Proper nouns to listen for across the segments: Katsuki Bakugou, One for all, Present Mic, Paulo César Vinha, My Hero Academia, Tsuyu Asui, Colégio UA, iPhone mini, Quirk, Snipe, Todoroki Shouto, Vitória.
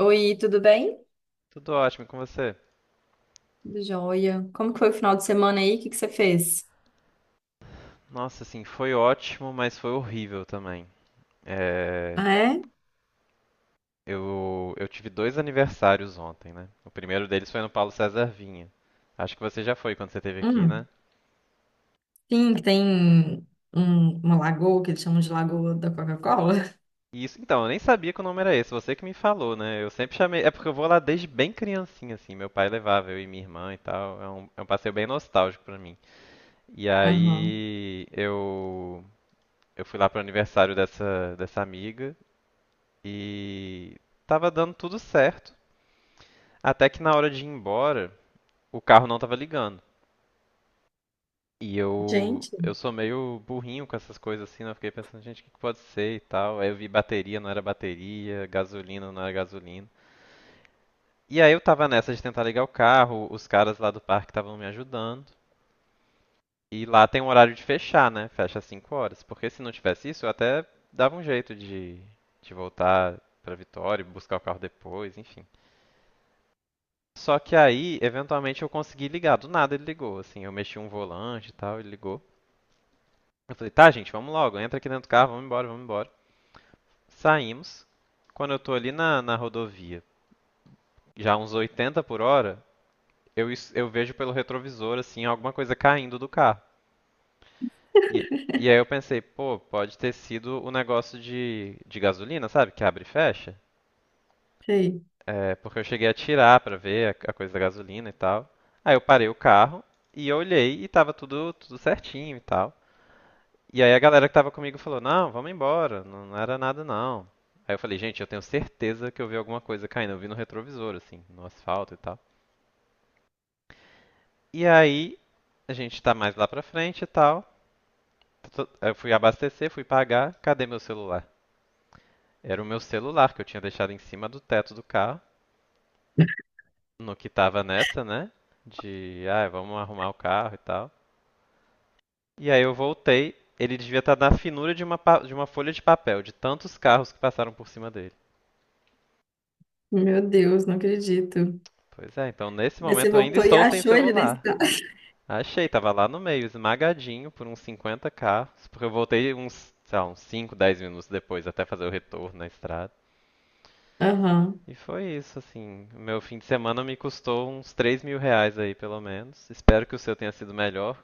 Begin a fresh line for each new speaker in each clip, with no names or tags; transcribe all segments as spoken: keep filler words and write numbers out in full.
Oi, tudo bem?
Tudo ótimo e com você?
Tudo jóia. Como que foi o final de semana aí? O que que você fez?
Nossa, assim, foi ótimo, mas foi horrível também. É,
Ah, é?
eu, eu tive dois aniversários ontem, né? O primeiro deles foi no Paulo César Vinha. Acho que você já foi quando você esteve aqui, né?
Hum. Sim, que tem um- uma lagoa que eles chamam de Lagoa da Coca-Cola.
E isso, então, eu nem sabia que o nome era esse, você que me falou, né? Eu sempre chamei. É porque eu vou lá desde bem criancinha, assim. Meu pai levava, eu e minha irmã e tal. É um, é um passeio bem nostálgico pra mim. E
Aham.
aí eu, eu fui lá pro aniversário dessa, dessa amiga e tava dando tudo certo. Até que na hora de ir embora, o carro não tava ligando. E eu,
Gente,
eu sou meio burrinho com essas coisas assim, né? Eu fiquei pensando, gente, o que que pode ser e tal. Aí eu vi bateria, não era bateria, gasolina, não era gasolina. E aí eu tava nessa de tentar ligar o carro, os caras lá do parque estavam me ajudando. E lá tem um horário de fechar, né? Fecha às cinco horas. Porque se não tivesse isso, eu até dava um jeito de, de voltar pra Vitória, buscar o carro depois, enfim. Só que aí, eventualmente, eu consegui ligar. Do nada ele ligou, assim. Eu mexi um volante e tal, ele ligou. Eu falei, tá, gente, vamos logo. Entra aqui dentro do carro, vamos embora, vamos embora. Saímos. Quando eu tô ali na, na rodovia, já uns oitenta por hora, eu, eu vejo pelo retrovisor, assim, alguma coisa caindo do carro. E, e aí eu pensei, pô, pode ter sido o negócio de, de gasolina, sabe? Que abre e fecha.
sei.
É, porque eu cheguei a tirar pra ver a, a coisa da gasolina e tal. Aí eu parei o carro e eu olhei e tava tudo, tudo certinho e tal. E aí a galera que tava comigo falou: Não, vamos embora, não, não era nada não. Aí eu falei: Gente, eu tenho certeza que eu vi alguma coisa caindo. Eu vi no retrovisor, assim, no asfalto e tal. E aí a gente tá mais lá pra frente e tal. Tô- Eu fui abastecer, fui pagar. Cadê meu celular? Era o meu celular que eu tinha deixado em cima do teto do carro. No que tava nessa, né? De, ah, vamos arrumar o carro e tal. E aí eu voltei, ele devia estar na finura de uma, pa- de uma folha de papel, de tantos carros que passaram por cima dele.
Meu Deus, não acredito.
Pois é, então nesse
Mas você
momento eu ainda
voltou e
estou sem
achou ele nesse?
celular. Achei, tava lá no meio, esmagadinho por uns cinquenta carros, porque eu voltei uns, sei lá, uns cinco, dez minutos depois até fazer o retorno na estrada.
Aham.
E foi isso, assim, o meu fim de semana me custou uns três mil reais aí, pelo menos. Espero que o seu tenha sido melhor.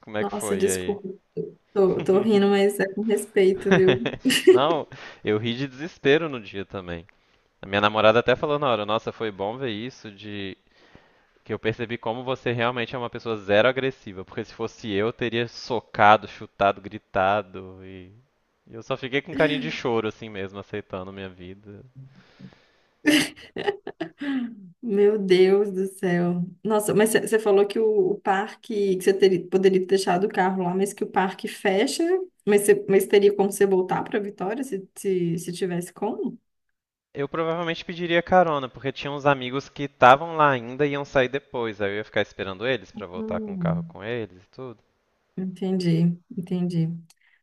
Como é que
Nossa,
foi aí?
desculpa. Tô, tô rindo, mas é com respeito, viu?
Não, eu ri de desespero no dia também. A minha namorada até falou na hora, nossa, foi bom ver isso de que eu percebi como você realmente é uma pessoa zero agressiva, porque se fosse eu, eu teria socado, chutado, gritado e e eu só fiquei com carinho de choro assim mesmo, aceitando minha vida.
Meu Deus do céu. Nossa, mas você falou que o, o parque, que você teria, poderia ter deixado o carro lá, mas que o parque fecha, mas, cê- mas teria como você voltar para Vitória se, se, se tivesse como?
Eu provavelmente pediria carona, porque tinha uns amigos que estavam lá ainda e iam sair depois, aí eu ia ficar esperando eles pra voltar com o carro
Hum,
com eles e tudo.
entendi, entendi.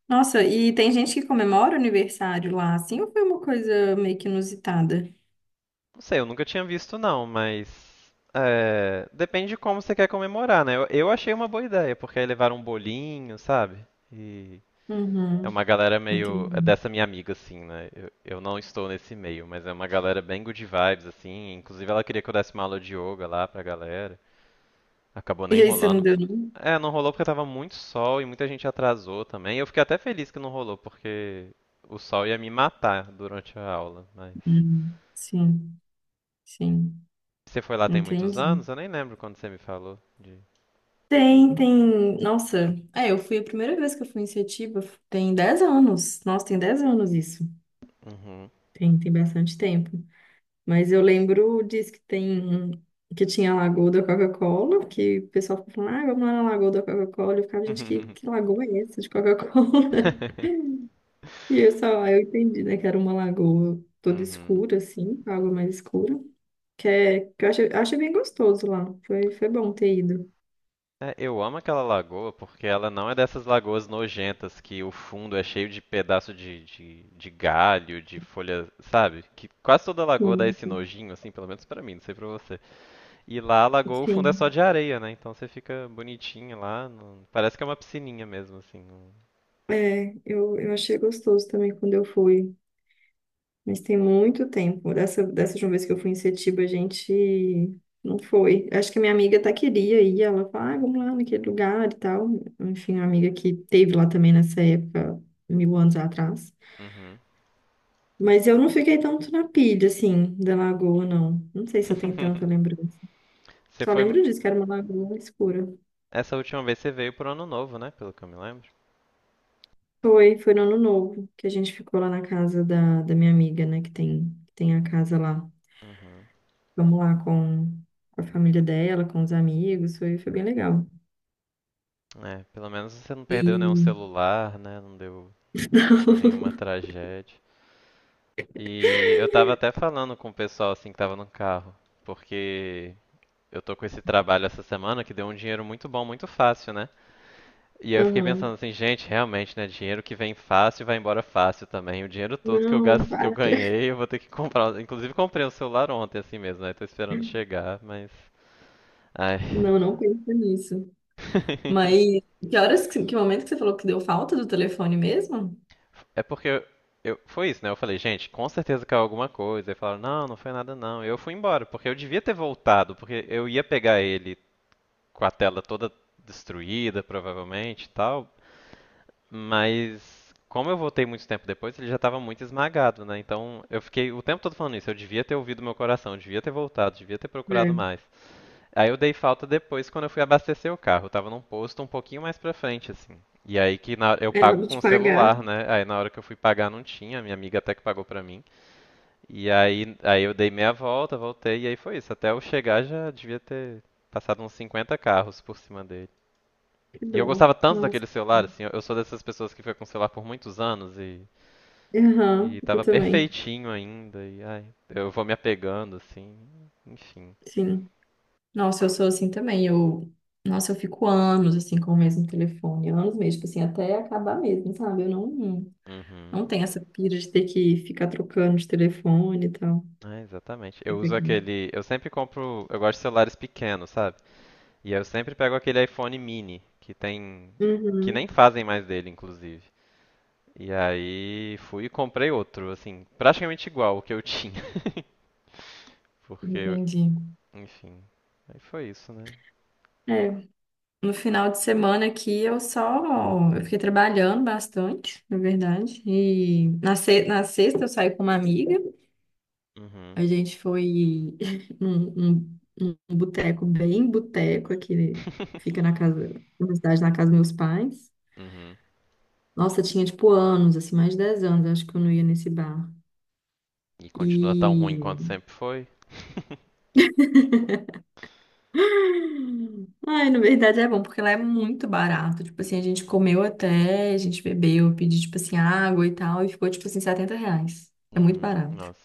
Nossa, e tem gente que comemora o aniversário lá, assim, ou foi uma coisa meio que inusitada?
Não sei, eu nunca tinha visto não, mas é, depende de como você quer comemorar, né? Eu, eu achei uma boa ideia, porque aí levaram um bolinho, sabe? E é
Uhum,
uma galera meio é
entendi.
dessa minha amiga assim, né? Eu, eu não estou nesse meio, mas é uma galera bem good vibes assim. Inclusive ela queria que eu desse uma aula de yoga lá pra galera. Acabou nem
E aí você não
rolando.
deu nenhum?
É, não rolou porque tava muito sol e muita gente atrasou também. Eu fiquei até feliz que não rolou, porque o sol ia me matar durante a aula, mas
Hum, sim, sim,
você foi lá tem muitos
entendi.
anos? Eu nem lembro quando você me falou de.
Tem, tem. Nossa, é, eu fui a primeira vez que eu fui em Setiba, tem dez anos. Nossa, tem dez anos isso.
Uhum.
Tem, tem bastante tempo. Mas eu lembro disso, que tem um- que tinha a Lagoa da Coca-Cola, que o pessoal ficava falando, ah, vamos lá na Lagoa da Coca-Cola. Eu ficava, gente, que, que lagoa é essa de Coca-Cola? E eu só, aí eu entendi, né, que era uma lagoa toda
Uhum.
escura, assim, com água mais escura. Que, é, que eu achei, achei bem gostoso lá. Foi, foi bom ter ido.
É, eu amo aquela lagoa porque ela não é dessas lagoas nojentas que o fundo é cheio de pedaço de, de, de galho, de folha, sabe? Que quase toda lagoa dá
Sim.
esse nojinho, assim, pelo menos pra mim, não sei pra você. E lá a lagoa, o fundo é só
Sim.
de areia, né? Então você fica bonitinho lá, não- parece que é uma piscininha mesmo, assim. não-
É, eu, eu achei gostoso também quando eu fui, mas tem muito tempo. Dessa, dessa última vez que eu fui em Setiba, a gente não foi. Acho que a minha amiga até queria ir, ela falou, ah, vamos lá naquele lugar e tal. Enfim, uma amiga que teve lá também nessa época, mil anos atrás.
Uhum.
Mas eu não fiquei tanto na pilha, assim, da lagoa, não. Não sei se eu tenho tanta lembrança.
Você
Só
foi,
lembro disso, que era uma lagoa escura.
essa última vez você veio pro ano novo, né? Pelo que eu me lembro.
Foi, foi no ano novo, que a gente ficou lá na casa da, da minha amiga, né, que tem, que tem a casa lá.
Uhum.
Vamos lá com, com a família dela, com os amigos, foi, foi bem legal.
É, pelo menos você não perdeu nenhum
E.
celular, né? Não deu nenhuma tragédia. E eu tava até falando com o pessoal assim que tava no carro, porque eu tô com esse trabalho essa semana que deu um dinheiro muito bom, muito fácil, né? E aí eu
Não,
fiquei
aham.
pensando assim, gente, realmente, né? Dinheiro que vem fácil vai embora fácil também. O dinheiro todo que eu
Não,
gasto, que eu
para.
ganhei, eu vou ter que comprar. Inclusive comprei um celular ontem assim mesmo, né? Tô esperando chegar, mas. Ai.
Não, não pensa nisso. Mas que horas, que, que momento que você falou que deu falta do telefone mesmo?
É porque eu, eu- foi isso, né? Eu falei, gente, com certeza caiu alguma coisa. E falaram, não, não foi nada não. Eu fui embora, porque eu devia ter voltado, porque eu ia pegar ele com a tela toda destruída, provavelmente e tal. Mas como eu voltei muito tempo depois, ele já estava muito esmagado, né? Então eu fiquei o tempo todo falando isso. Eu devia ter ouvido meu coração, eu devia ter voltado, devia ter procurado
É,
mais. Aí eu dei falta depois quando eu fui abastecer o carro. Eu tava num posto um pouquinho mais pra frente, assim. E aí que na- eu
é
pago
hora
com
de
o
pagar,
celular, né? Aí na hora que eu fui pagar não tinha, minha amiga até que pagou pra mim. E aí, aí eu dei meia volta, voltei, e aí foi isso. Até eu chegar já devia ter passado uns cinquenta carros por cima dele.
que
E eu
dó.
gostava tanto
Nossa.
daquele celular, assim, eu eu sou dessas pessoas que foi com o celular por muitos anos e,
Aham,
e
eu
tava
também.
perfeitinho ainda, e ai, eu vou me apegando, assim, enfim.
Sim. Nossa, eu sou assim também. Eu, nossa, eu fico anos assim com o mesmo telefone, anos mesmo, tipo assim, até acabar mesmo, sabe? Eu não,
Uhum.
não tem essa pira de ter que ficar trocando de telefone e tal.
É, exatamente.
Eu
Eu uso
peguei.
aquele. Eu sempre compro. Eu gosto de celulares pequenos, sabe? E eu sempre pego aquele iPhone mini, que tem. Que nem
Uhum,
fazem mais dele, inclusive. E aí fui e comprei outro, assim, praticamente igual o que eu tinha. Porque. eu-
entendi.
Aí foi isso, né?
É, no final de semana aqui eu só eu fiquei trabalhando bastante, na verdade. E na, se- na sexta eu saí com uma amiga.
Uhum.
A gente foi num, num, num boteco bem boteco aqui, né? Fica na casa, na cidade, na casa dos meus pais.
Uhum.
Nossa, tinha tipo anos, assim, mais de dez anos, acho que eu não ia nesse bar.
E continua tão ruim quanto
E
sempre foi?
ai, na verdade é bom, porque lá é muito barato. Tipo assim, a gente comeu até, a gente bebeu, pedi tipo assim, água e tal, e ficou, tipo assim, setenta reais. É muito
Uhum.
barato.
Nossa.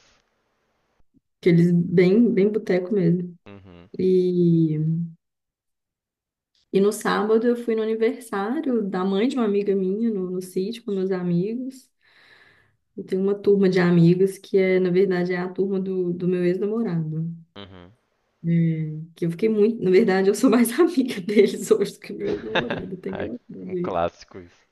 Aqueles bem, bem boteco mesmo.
Uhum.
E, e no sábado eu fui no aniversário da mãe de uma amiga minha, no, no sítio, com meus amigos. Eu tenho uma turma de amigos que é, na verdade, é a turma do, do meu ex-namorado.
Uhum.
É, que eu fiquei muito. Na verdade, eu sou mais amiga deles hoje do que meu ex-namorado. Tem
Ai,
engraçado.
um clássico isso.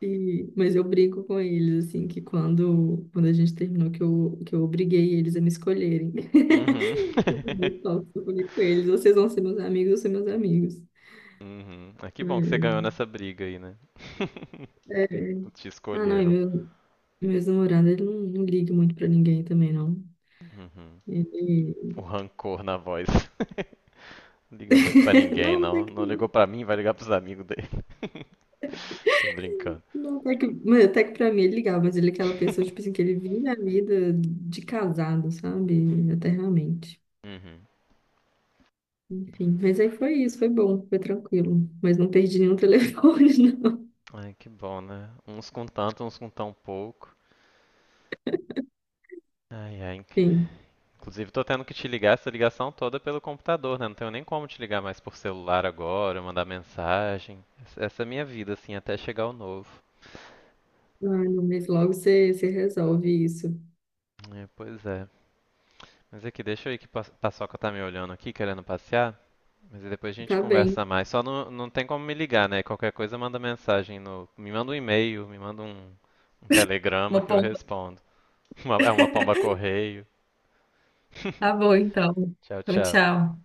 E, mas eu brigo com eles, assim, que quando, quando a gente terminou, que eu, que eu obriguei eles a me escolherem.
Uhum.
Que eu falei, "Ó, eu falei com eles, vocês vão ser meus amigos, eu ser meus amigos."
Uhum. Ah, que bom que você ganhou
Foi-
nessa briga aí, né? Te
Ah, não, e
escolheram.
meu, meu ex-namorado, ele não, não liga muito pra ninguém também, não.
Uhum.
Ele...
O rancor na voz. Não liga muito pra ninguém,
Não, até
não.
que
Não
não.
ligou pra mim, vai ligar pros amigos dele. Tô brincando.
Não, até que, mas até que pra mim ele ligava, mas ele é aquela pessoa, tipo assim, que ele vive a vida de casado, sabe? Eternamente.
Uhum.
Enfim, mas aí foi isso, foi bom, foi tranquilo. Mas não perdi nenhum telefone, não.
Ai, que bom, né? Uns com tanto, uns com tão pouco. Ai, ai.
Enfim,
Inclusive, tô tendo que te ligar essa ligação toda pelo computador, né? Não tenho nem como te ligar mais por celular agora, mandar mensagem. Essa essa é a minha vida, assim, até chegar o novo.
ah, não, mas logo você, você resolve isso.
É, pois é. Mas aqui, deixa eu ir que Pa- Paçoca tá me olhando aqui, querendo passear. Mas aí depois a gente
Tá
conversa
bem.
mais. Só não, não tem como me ligar, né? Qualquer coisa manda mensagem no. Me manda um e-mail, me manda um, um telegrama
Uma
que eu
pomba.
respondo. Uma- é uma pomba correio.
Tá bom, então.
Tchau,
Então,
tchau.
tchau.